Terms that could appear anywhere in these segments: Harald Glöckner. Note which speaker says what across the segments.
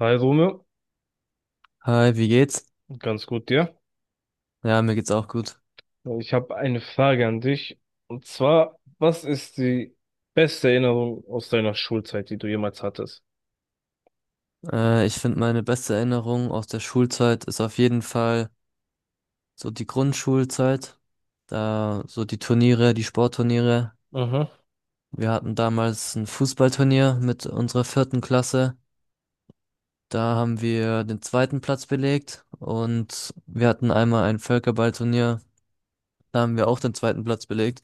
Speaker 1: Hi Rome,
Speaker 2: Hi, wie geht's?
Speaker 1: ganz gut, dir?
Speaker 2: Ja, mir geht's auch gut.
Speaker 1: Ich habe eine Frage an dich. Und zwar, was ist die beste Erinnerung aus deiner Schulzeit, die du jemals hattest?
Speaker 2: Ich finde, meine beste Erinnerung aus der Schulzeit ist auf jeden Fall so die Grundschulzeit. Da so die Turniere, die Sportturniere.
Speaker 1: Mhm.
Speaker 2: Wir hatten damals ein Fußballturnier mit unserer vierten Klasse. Da haben wir den zweiten Platz belegt und wir hatten einmal ein Völkerballturnier. Da haben wir auch den zweiten Platz belegt.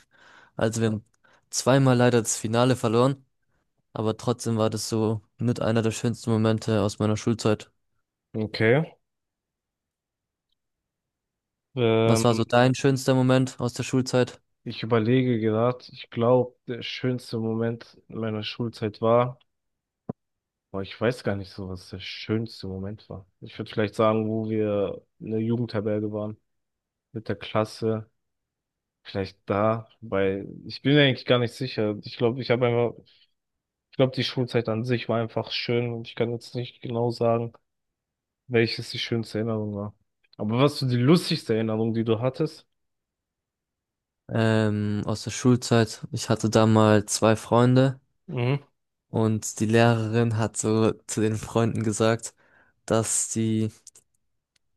Speaker 2: Also wir haben zweimal leider das Finale verloren, aber trotzdem war das so mit einer der schönsten Momente aus meiner Schulzeit.
Speaker 1: Okay. Ähm,
Speaker 2: Was war so dein schönster Moment aus der Schulzeit?
Speaker 1: ich überlege gerade, ich glaube, der schönste Moment meiner Schulzeit war, boah, ich weiß gar nicht so, was der schönste Moment war. Ich würde vielleicht sagen, wo wir in der Jugendherberge waren, mit der Klasse. Vielleicht da, weil ich bin mir eigentlich gar nicht sicher. Ich glaube, ich habe einfach Ich glaube, die Schulzeit an sich war einfach schön und ich kann jetzt nicht genau sagen, welches die schönste Erinnerung war. Aber was so die lustigste Erinnerung, die du hattest?
Speaker 2: Aus der Schulzeit, ich hatte da mal zwei Freunde
Speaker 1: Mhm.
Speaker 2: und die Lehrerin hat so zu den Freunden gesagt, dass sie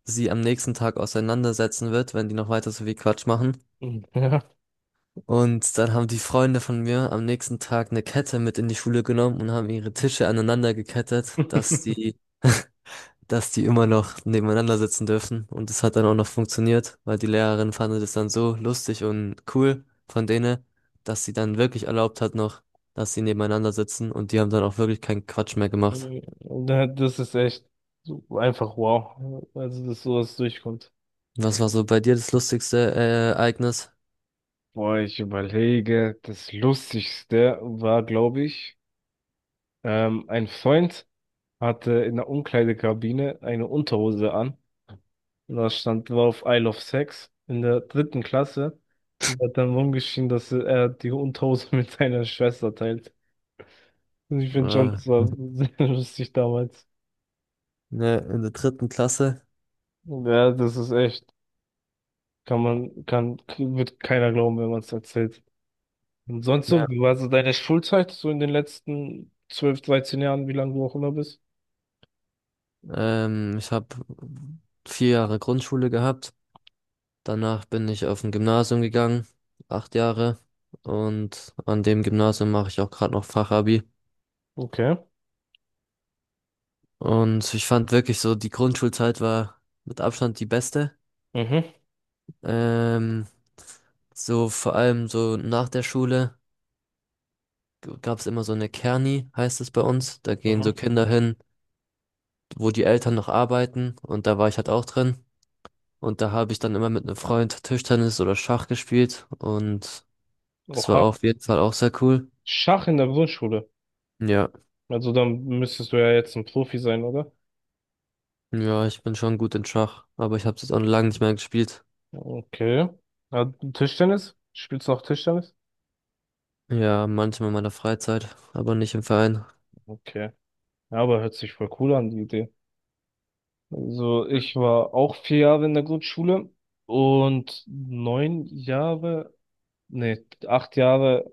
Speaker 2: sie am nächsten Tag auseinandersetzen wird, wenn die noch weiter so viel Quatsch machen.
Speaker 1: Mhm. Ja.
Speaker 2: Und dann haben die Freunde von mir am nächsten Tag eine Kette mit in die Schule genommen und haben ihre Tische aneinander gekettet, dass die dass die immer noch nebeneinander sitzen dürfen. Und das hat dann auch noch funktioniert, weil die Lehrerin fand es dann so lustig und cool von denen, dass sie dann wirklich erlaubt hat noch, dass sie nebeneinander sitzen und die haben dann auch wirklich keinen Quatsch mehr gemacht.
Speaker 1: Das ist echt so einfach, wow. Also, dass sowas durchkommt.
Speaker 2: Was war so bei dir das lustigste Ereignis?
Speaker 1: Boah, ich überlege, das Lustigste war, glaube ich, ein Freund hatte in der Umkleidekabine eine Unterhose an. Da stand drauf Isle of Sex in der dritten Klasse und hat dann rumgeschrien, dass er die Unterhose mit seiner Schwester teilt. Und ich finde schon,
Speaker 2: Äh,
Speaker 1: das war sehr lustig damals.
Speaker 2: ne, in der dritten Klasse.
Speaker 1: Ja, das ist echt, wird keiner glauben, wenn man es erzählt. Und sonst so,
Speaker 2: Ja.
Speaker 1: wie war so deine Schulzeit, so in den letzten 12, 13 Jahren, wie lange du auch immer bist?
Speaker 2: Ich habe 4 Jahre Grundschule gehabt. Danach bin ich auf ein Gymnasium gegangen, 8 Jahre. Und an dem Gymnasium mache ich auch gerade noch Fachabi.
Speaker 1: Okay.
Speaker 2: Und ich fand wirklich so, die Grundschulzeit war mit Abstand die beste.
Speaker 1: Mhm.
Speaker 2: Ähm, so vor allem so nach der Schule gab es immer so eine Kerni, heißt es bei uns. Da gehen
Speaker 1: Mhm.
Speaker 2: so Kinder hin, wo die Eltern noch arbeiten und da war ich halt auch drin. Und da habe ich dann immer mit einem Freund Tischtennis oder Schach gespielt und das war
Speaker 1: Oha.
Speaker 2: auf jeden Fall auch sehr cool.
Speaker 1: Schach in der Grundschule.
Speaker 2: Ja,
Speaker 1: Also dann müsstest du ja jetzt ein Profi sein, oder?
Speaker 2: ja, ich bin schon gut in Schach, aber ich habe es jetzt auch lange nicht mehr gespielt.
Speaker 1: Okay. Ja, Tischtennis? Spielst du noch Tischtennis?
Speaker 2: Ja, manchmal in meiner Freizeit, aber nicht im Verein.
Speaker 1: Okay. Ja, aber hört sich voll cool an, die Idee. Also ich war auch 4 Jahre in der Grundschule und 9 Jahre, nee, 8 Jahre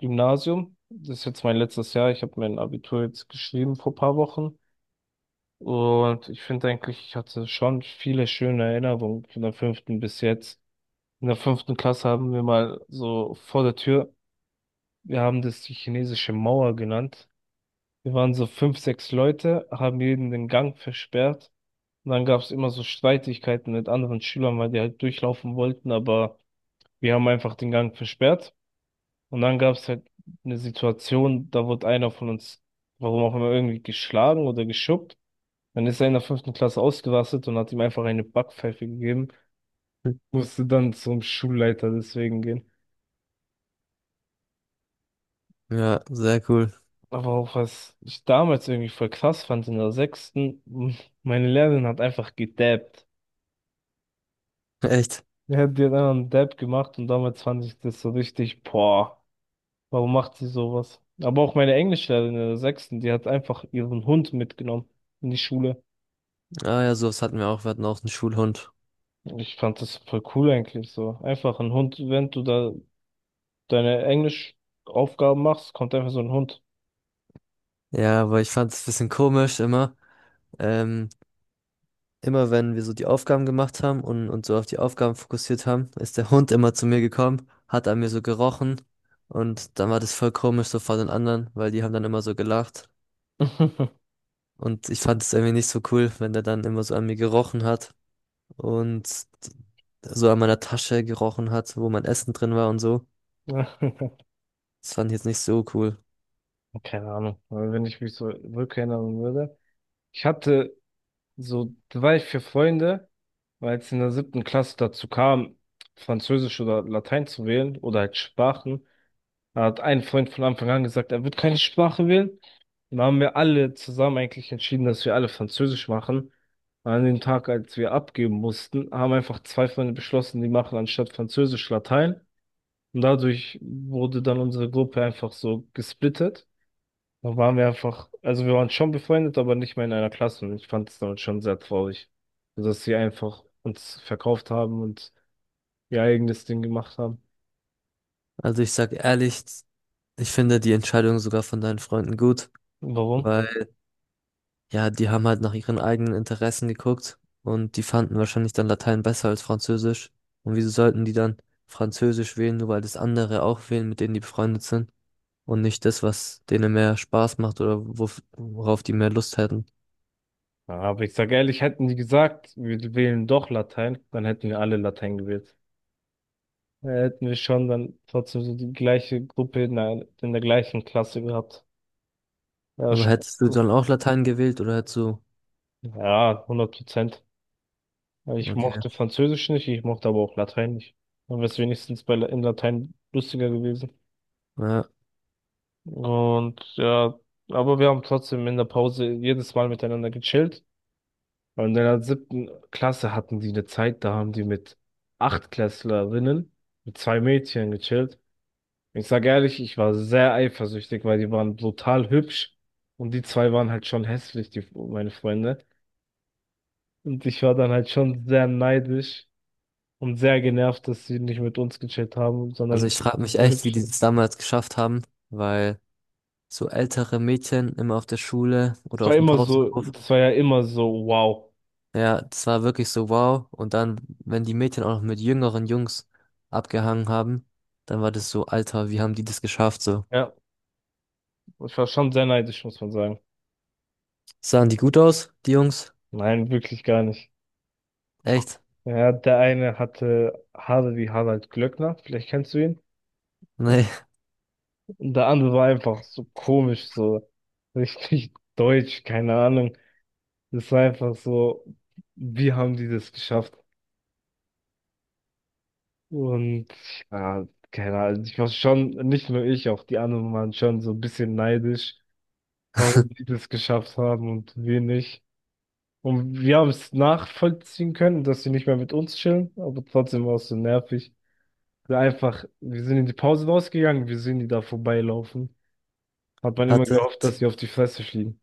Speaker 1: Gymnasium. Das ist jetzt mein letztes Jahr. Ich habe mein Abitur jetzt geschrieben vor paar Wochen. Und ich finde eigentlich, ich hatte schon viele schöne Erinnerungen von der fünften bis jetzt. In der fünften Klasse haben wir mal so vor der Tür, wir haben das die chinesische Mauer genannt. Wir waren so fünf, sechs Leute, haben jeden den Gang versperrt. Und dann gab es immer so Streitigkeiten mit anderen Schülern, weil die halt durchlaufen wollten, aber wir haben einfach den Gang versperrt. Und dann gab es halt eine Situation, da wurde einer von uns, warum auch immer, irgendwie geschlagen oder geschubbt. Dann ist er in der fünften Klasse ausgerastet und hat ihm einfach eine Backpfeife gegeben. Musste dann zum Schulleiter deswegen gehen.
Speaker 2: Ja, sehr cool.
Speaker 1: Aber auch was ich damals irgendwie voll krass fand in der sechsten, meine Lehrerin hat einfach gedabbt.
Speaker 2: Echt?
Speaker 1: Ja, die hat die dann einen Dab gemacht und damals fand ich das so richtig, boah, warum macht sie sowas? Aber auch meine Englischlehrerin in der sechsten, die hat einfach ihren Hund mitgenommen in die Schule.
Speaker 2: Ah ja, sowas hatten wir auch. Wir hatten auch einen Schulhund.
Speaker 1: Ich fand das voll cool eigentlich so. Einfach ein Hund, wenn du da deine Englischaufgaben machst, kommt einfach so ein Hund.
Speaker 2: Ja, aber ich fand es ein bisschen komisch immer. Ähm, Immer wenn wir so die Aufgaben gemacht haben und uns so auf die Aufgaben fokussiert haben, ist der Hund immer zu mir gekommen, hat an mir so gerochen und dann war das voll komisch so vor den anderen, weil die haben dann immer so gelacht. Und ich fand es irgendwie nicht so cool, wenn der dann immer so an mir gerochen hat und so an meiner Tasche gerochen hat, wo mein Essen drin war und so. Das fand ich jetzt nicht so cool.
Speaker 1: Keine Ahnung, wenn ich mich so rückerinnern würde. Ich hatte So, da war ich für Freunde, weil es in der siebten Klasse dazu kam, Französisch oder Latein zu wählen oder halt Sprachen. Da hat ein Freund von Anfang an gesagt, er wird keine Sprache wählen. Dann haben wir alle zusammen eigentlich entschieden, dass wir alle Französisch machen. Und an dem Tag, als wir abgeben mussten, haben einfach zwei Freunde beschlossen, die machen anstatt Französisch Latein. Und dadurch wurde dann unsere Gruppe einfach so gesplittet. Da waren wir einfach, also wir waren schon befreundet, aber nicht mehr in einer Klasse. Und ich fand es damals schon sehr traurig, dass sie einfach uns verkauft haben und ihr eigenes Ding gemacht haben.
Speaker 2: Also ich sag ehrlich, ich finde die Entscheidung sogar von deinen Freunden gut,
Speaker 1: Warum?
Speaker 2: weil ja, die haben halt nach ihren eigenen Interessen geguckt und die fanden wahrscheinlich dann Latein besser als Französisch. Und wieso sollten die dann Französisch wählen, nur weil das andere auch wählen, mit denen die befreundet sind und nicht das, was denen mehr Spaß macht oder worauf die mehr Lust hätten.
Speaker 1: Ja, aber ich sage ehrlich, hätten die gesagt, wir wählen doch Latein, dann hätten wir alle Latein gewählt. Dann hätten wir schon dann trotzdem so die gleiche Gruppe in der, gleichen Klasse gehabt. Ja,
Speaker 2: Aber
Speaker 1: schon
Speaker 2: hättest du
Speaker 1: gut.
Speaker 2: dann auch Latein gewählt oder hättest du...
Speaker 1: Ja, 100%. Ja, ich
Speaker 2: Okay.
Speaker 1: mochte Französisch nicht, ich mochte aber auch Latein nicht. Dann wäre es wenigstens in Latein lustiger gewesen.
Speaker 2: Ja.
Speaker 1: Und ja, aber wir haben trotzdem in der Pause jedes Mal miteinander gechillt. Und in der siebten Klasse hatten die eine Zeit, da haben die mit Achtklässlerinnen, mit zwei Mädchen gechillt. Ich sag ehrlich, ich war sehr eifersüchtig, weil die waren brutal hübsch und die zwei waren halt schon hässlich, die, meine Freunde. Und ich war dann halt schon sehr neidisch und sehr genervt, dass sie nicht mit uns gechillt haben, sondern
Speaker 2: Also ich
Speaker 1: mit
Speaker 2: frage mich
Speaker 1: so
Speaker 2: echt, wie die
Speaker 1: hübschen.
Speaker 2: das damals geschafft haben, weil so ältere Mädchen immer auf der Schule
Speaker 1: Es
Speaker 2: oder
Speaker 1: war
Speaker 2: auf dem
Speaker 1: immer so,
Speaker 2: Pausenhof.
Speaker 1: das war ja immer so, wow.
Speaker 2: Ja, das war wirklich so wow. Und dann, wenn die Mädchen auch noch mit jüngeren Jungs abgehangen haben, dann war das so, Alter, wie haben die das geschafft so?
Speaker 1: Ja, ich war schon sehr neidisch, muss man sagen.
Speaker 2: Sahen die gut aus, die Jungs?
Speaker 1: Nein, wirklich gar nicht.
Speaker 2: Echt?
Speaker 1: Ja, der eine hatte Haare wie Harald Glöckner, vielleicht kennst du ihn.
Speaker 2: Nee.
Speaker 1: Und der andere war einfach so komisch, so richtig deutsch, keine Ahnung. Es war einfach so, wie haben die das geschafft? Und ja, keine Ahnung, ich war schon, nicht nur ich, auch die anderen waren schon so ein bisschen neidisch, warum die das geschafft haben und wir nicht. Und wir haben es nachvollziehen können, dass sie nicht mehr mit uns chillen, aber trotzdem war es so nervig. Wir einfach, wir sind in die Pause rausgegangen, wir sehen die da vorbeilaufen. Hat man immer
Speaker 2: Hatte,
Speaker 1: gehofft, dass sie auf die Fresse fliegen.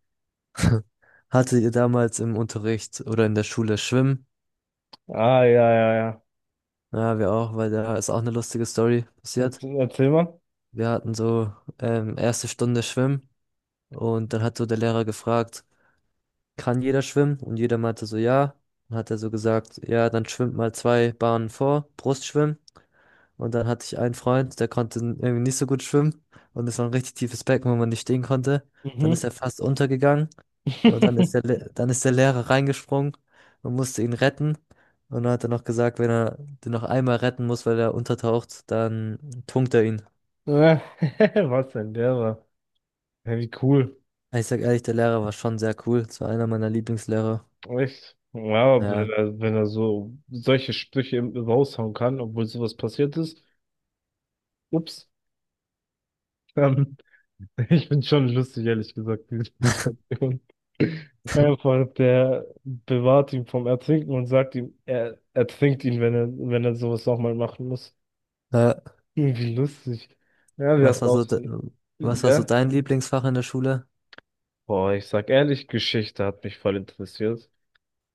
Speaker 2: hatte ihr damals im Unterricht oder in der Schule Schwimmen?
Speaker 1: Ah, ja, ja, ja.
Speaker 2: Ja, wir auch, weil da ist auch eine lustige Story passiert.
Speaker 1: Erzähl, erzähl mal.
Speaker 2: Wir hatten so erste Stunde Schwimmen und dann hat so der Lehrer gefragt, kann jeder schwimmen? Und jeder meinte so, ja. Dann hat er so gesagt, ja, dann schwimmt mal zwei Bahnen vor, Brustschwimmen. Und dann hatte ich einen Freund, der konnte irgendwie nicht so gut schwimmen. Und es war ein richtig tiefes Becken, wo man nicht stehen konnte. Dann ist
Speaker 1: Mhm.
Speaker 2: er fast untergegangen. Und dann ist dann ist der Lehrer reingesprungen und musste ihn retten. Und dann hat er noch gesagt, wenn er den noch einmal retten muss, weil er untertaucht, dann tunkt er ihn.
Speaker 1: Ja, was denn der war? Ja, wie cool.
Speaker 2: Ich sag ehrlich, der Lehrer war schon sehr cool. Das war einer meiner Lieblingslehrer.
Speaker 1: Echt? Ja, aber wenn
Speaker 2: Ja.
Speaker 1: er, wenn er so solche Sprüche raushauen kann, obwohl sowas passiert ist. Ups. Ähm, Ich finde schon lustig, ehrlich gesagt, diese Situation. Einfach, der bewahrt ihn vom Ertrinken und sagt ihm, er ertrinkt ihn, wenn er sowas nochmal machen muss.
Speaker 2: Äh,
Speaker 1: Irgendwie lustig. Ja, wir
Speaker 2: was
Speaker 1: hatten
Speaker 2: war
Speaker 1: auch
Speaker 2: so, de
Speaker 1: so,
Speaker 2: Was war so
Speaker 1: ja.
Speaker 2: dein Lieblingsfach in der Schule?
Speaker 1: Boah, ich sag ehrlich, Geschichte hat mich voll interessiert.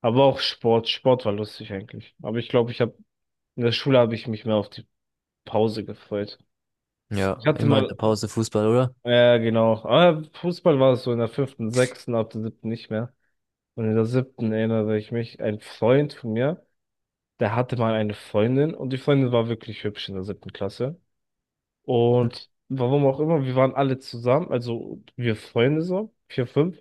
Speaker 1: Aber auch Sport. Sport war lustig eigentlich. Aber ich glaube, in der Schule habe ich mich mehr auf die Pause gefreut. Ich
Speaker 2: Ja,
Speaker 1: hatte
Speaker 2: immer in der
Speaker 1: mal,
Speaker 2: Pause Fußball, oder?
Speaker 1: ja, genau. Aber Fußball war es so in der fünften, sechsten, ab der siebten nicht mehr. Und in der siebten erinnere ich mich, ein Freund von mir, der hatte mal eine Freundin und die Freundin war wirklich hübsch in der siebten Klasse. Und warum auch immer, wir waren alle zusammen, also wir Freunde so, vier, fünf,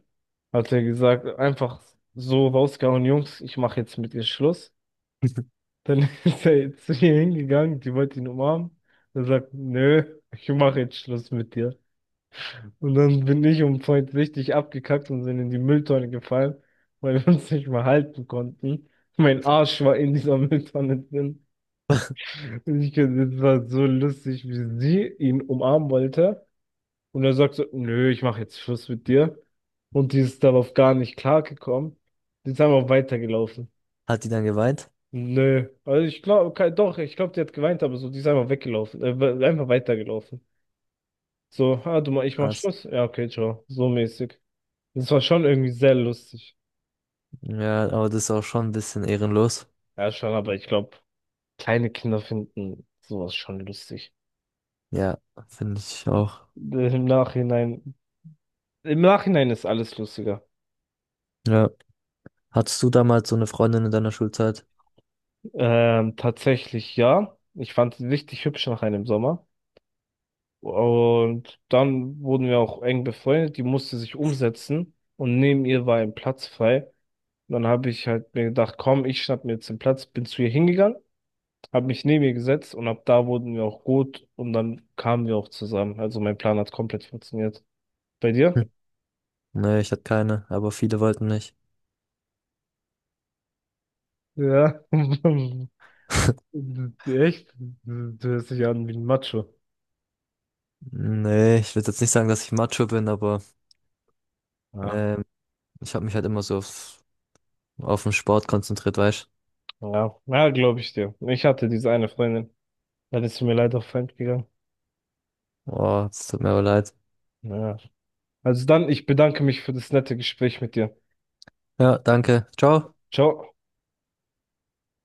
Speaker 1: hat er gesagt, einfach so rausgehauen, Jungs, ich mache jetzt mit ihr Schluss. Dann ist er zu ihr hingegangen, die wollte ihn umarmen. Er sagt, nö, ich mache jetzt Schluss mit dir. Und dann bin ich um Point richtig abgekackt und sind in die Mülltonne gefallen, weil wir uns nicht mehr halten konnten. Mein Arsch war in dieser Mülltonne drin. Und ich, das war so lustig, wie sie ihn umarmen wollte. Und er sagt so, nö, ich mache jetzt Schluss mit dir. Und die ist darauf gar nicht klargekommen. Die ist einfach weitergelaufen.
Speaker 2: Hat die dann geweint?
Speaker 1: Nö. Also ich glaube, doch, ich glaube, die hat geweint, aber so, die ist einfach weggelaufen. Einfach weitergelaufen. So, ah, du, ich mach
Speaker 2: Krass.
Speaker 1: Schluss. Ja, okay, ciao. So mäßig. Das war schon irgendwie sehr lustig.
Speaker 2: Ja, aber das ist auch schon ein bisschen ehrenlos.
Speaker 1: Ja, schon, aber ich glaube, kleine Kinder finden sowas schon lustig.
Speaker 2: Ja, finde ich auch.
Speaker 1: Äh, Im Nachhinein, im Nachhinein ist alles lustiger.
Speaker 2: Ja. Hattest du damals so eine Freundin in deiner Schulzeit?
Speaker 1: Tatsächlich ja. Ich fand sie richtig hübsch nach einem Sommer. Und dann wurden wir auch eng befreundet. Die musste sich umsetzen und neben ihr war ein Platz frei. Und dann habe ich halt mir gedacht, komm, ich schnapp mir jetzt den Platz, bin zu ihr hingegangen, habe mich neben ihr gesetzt und ab da wurden wir auch gut und dann kamen wir auch zusammen. Also mein Plan hat komplett funktioniert. Bei dir?
Speaker 2: Hm. Nee, ich hatte keine, aber viele wollten nicht.
Speaker 1: Ja, echt? Du hörst dich an wie ein Macho.
Speaker 2: Nee, ich würde jetzt nicht sagen, dass ich Macho bin, aber
Speaker 1: Ja.
Speaker 2: ähm, ich habe mich halt immer so auf den Sport konzentriert, weißt
Speaker 1: Ja, ja glaube ich dir. Ich hatte diese eine Freundin. Dann ist sie mir leider auf fremd gegangen.
Speaker 2: du? Oh, es tut mir aber leid.
Speaker 1: Ja. Also dann, ich bedanke mich für das nette Gespräch mit dir.
Speaker 2: Ja, danke. Ciao.
Speaker 1: Ciao.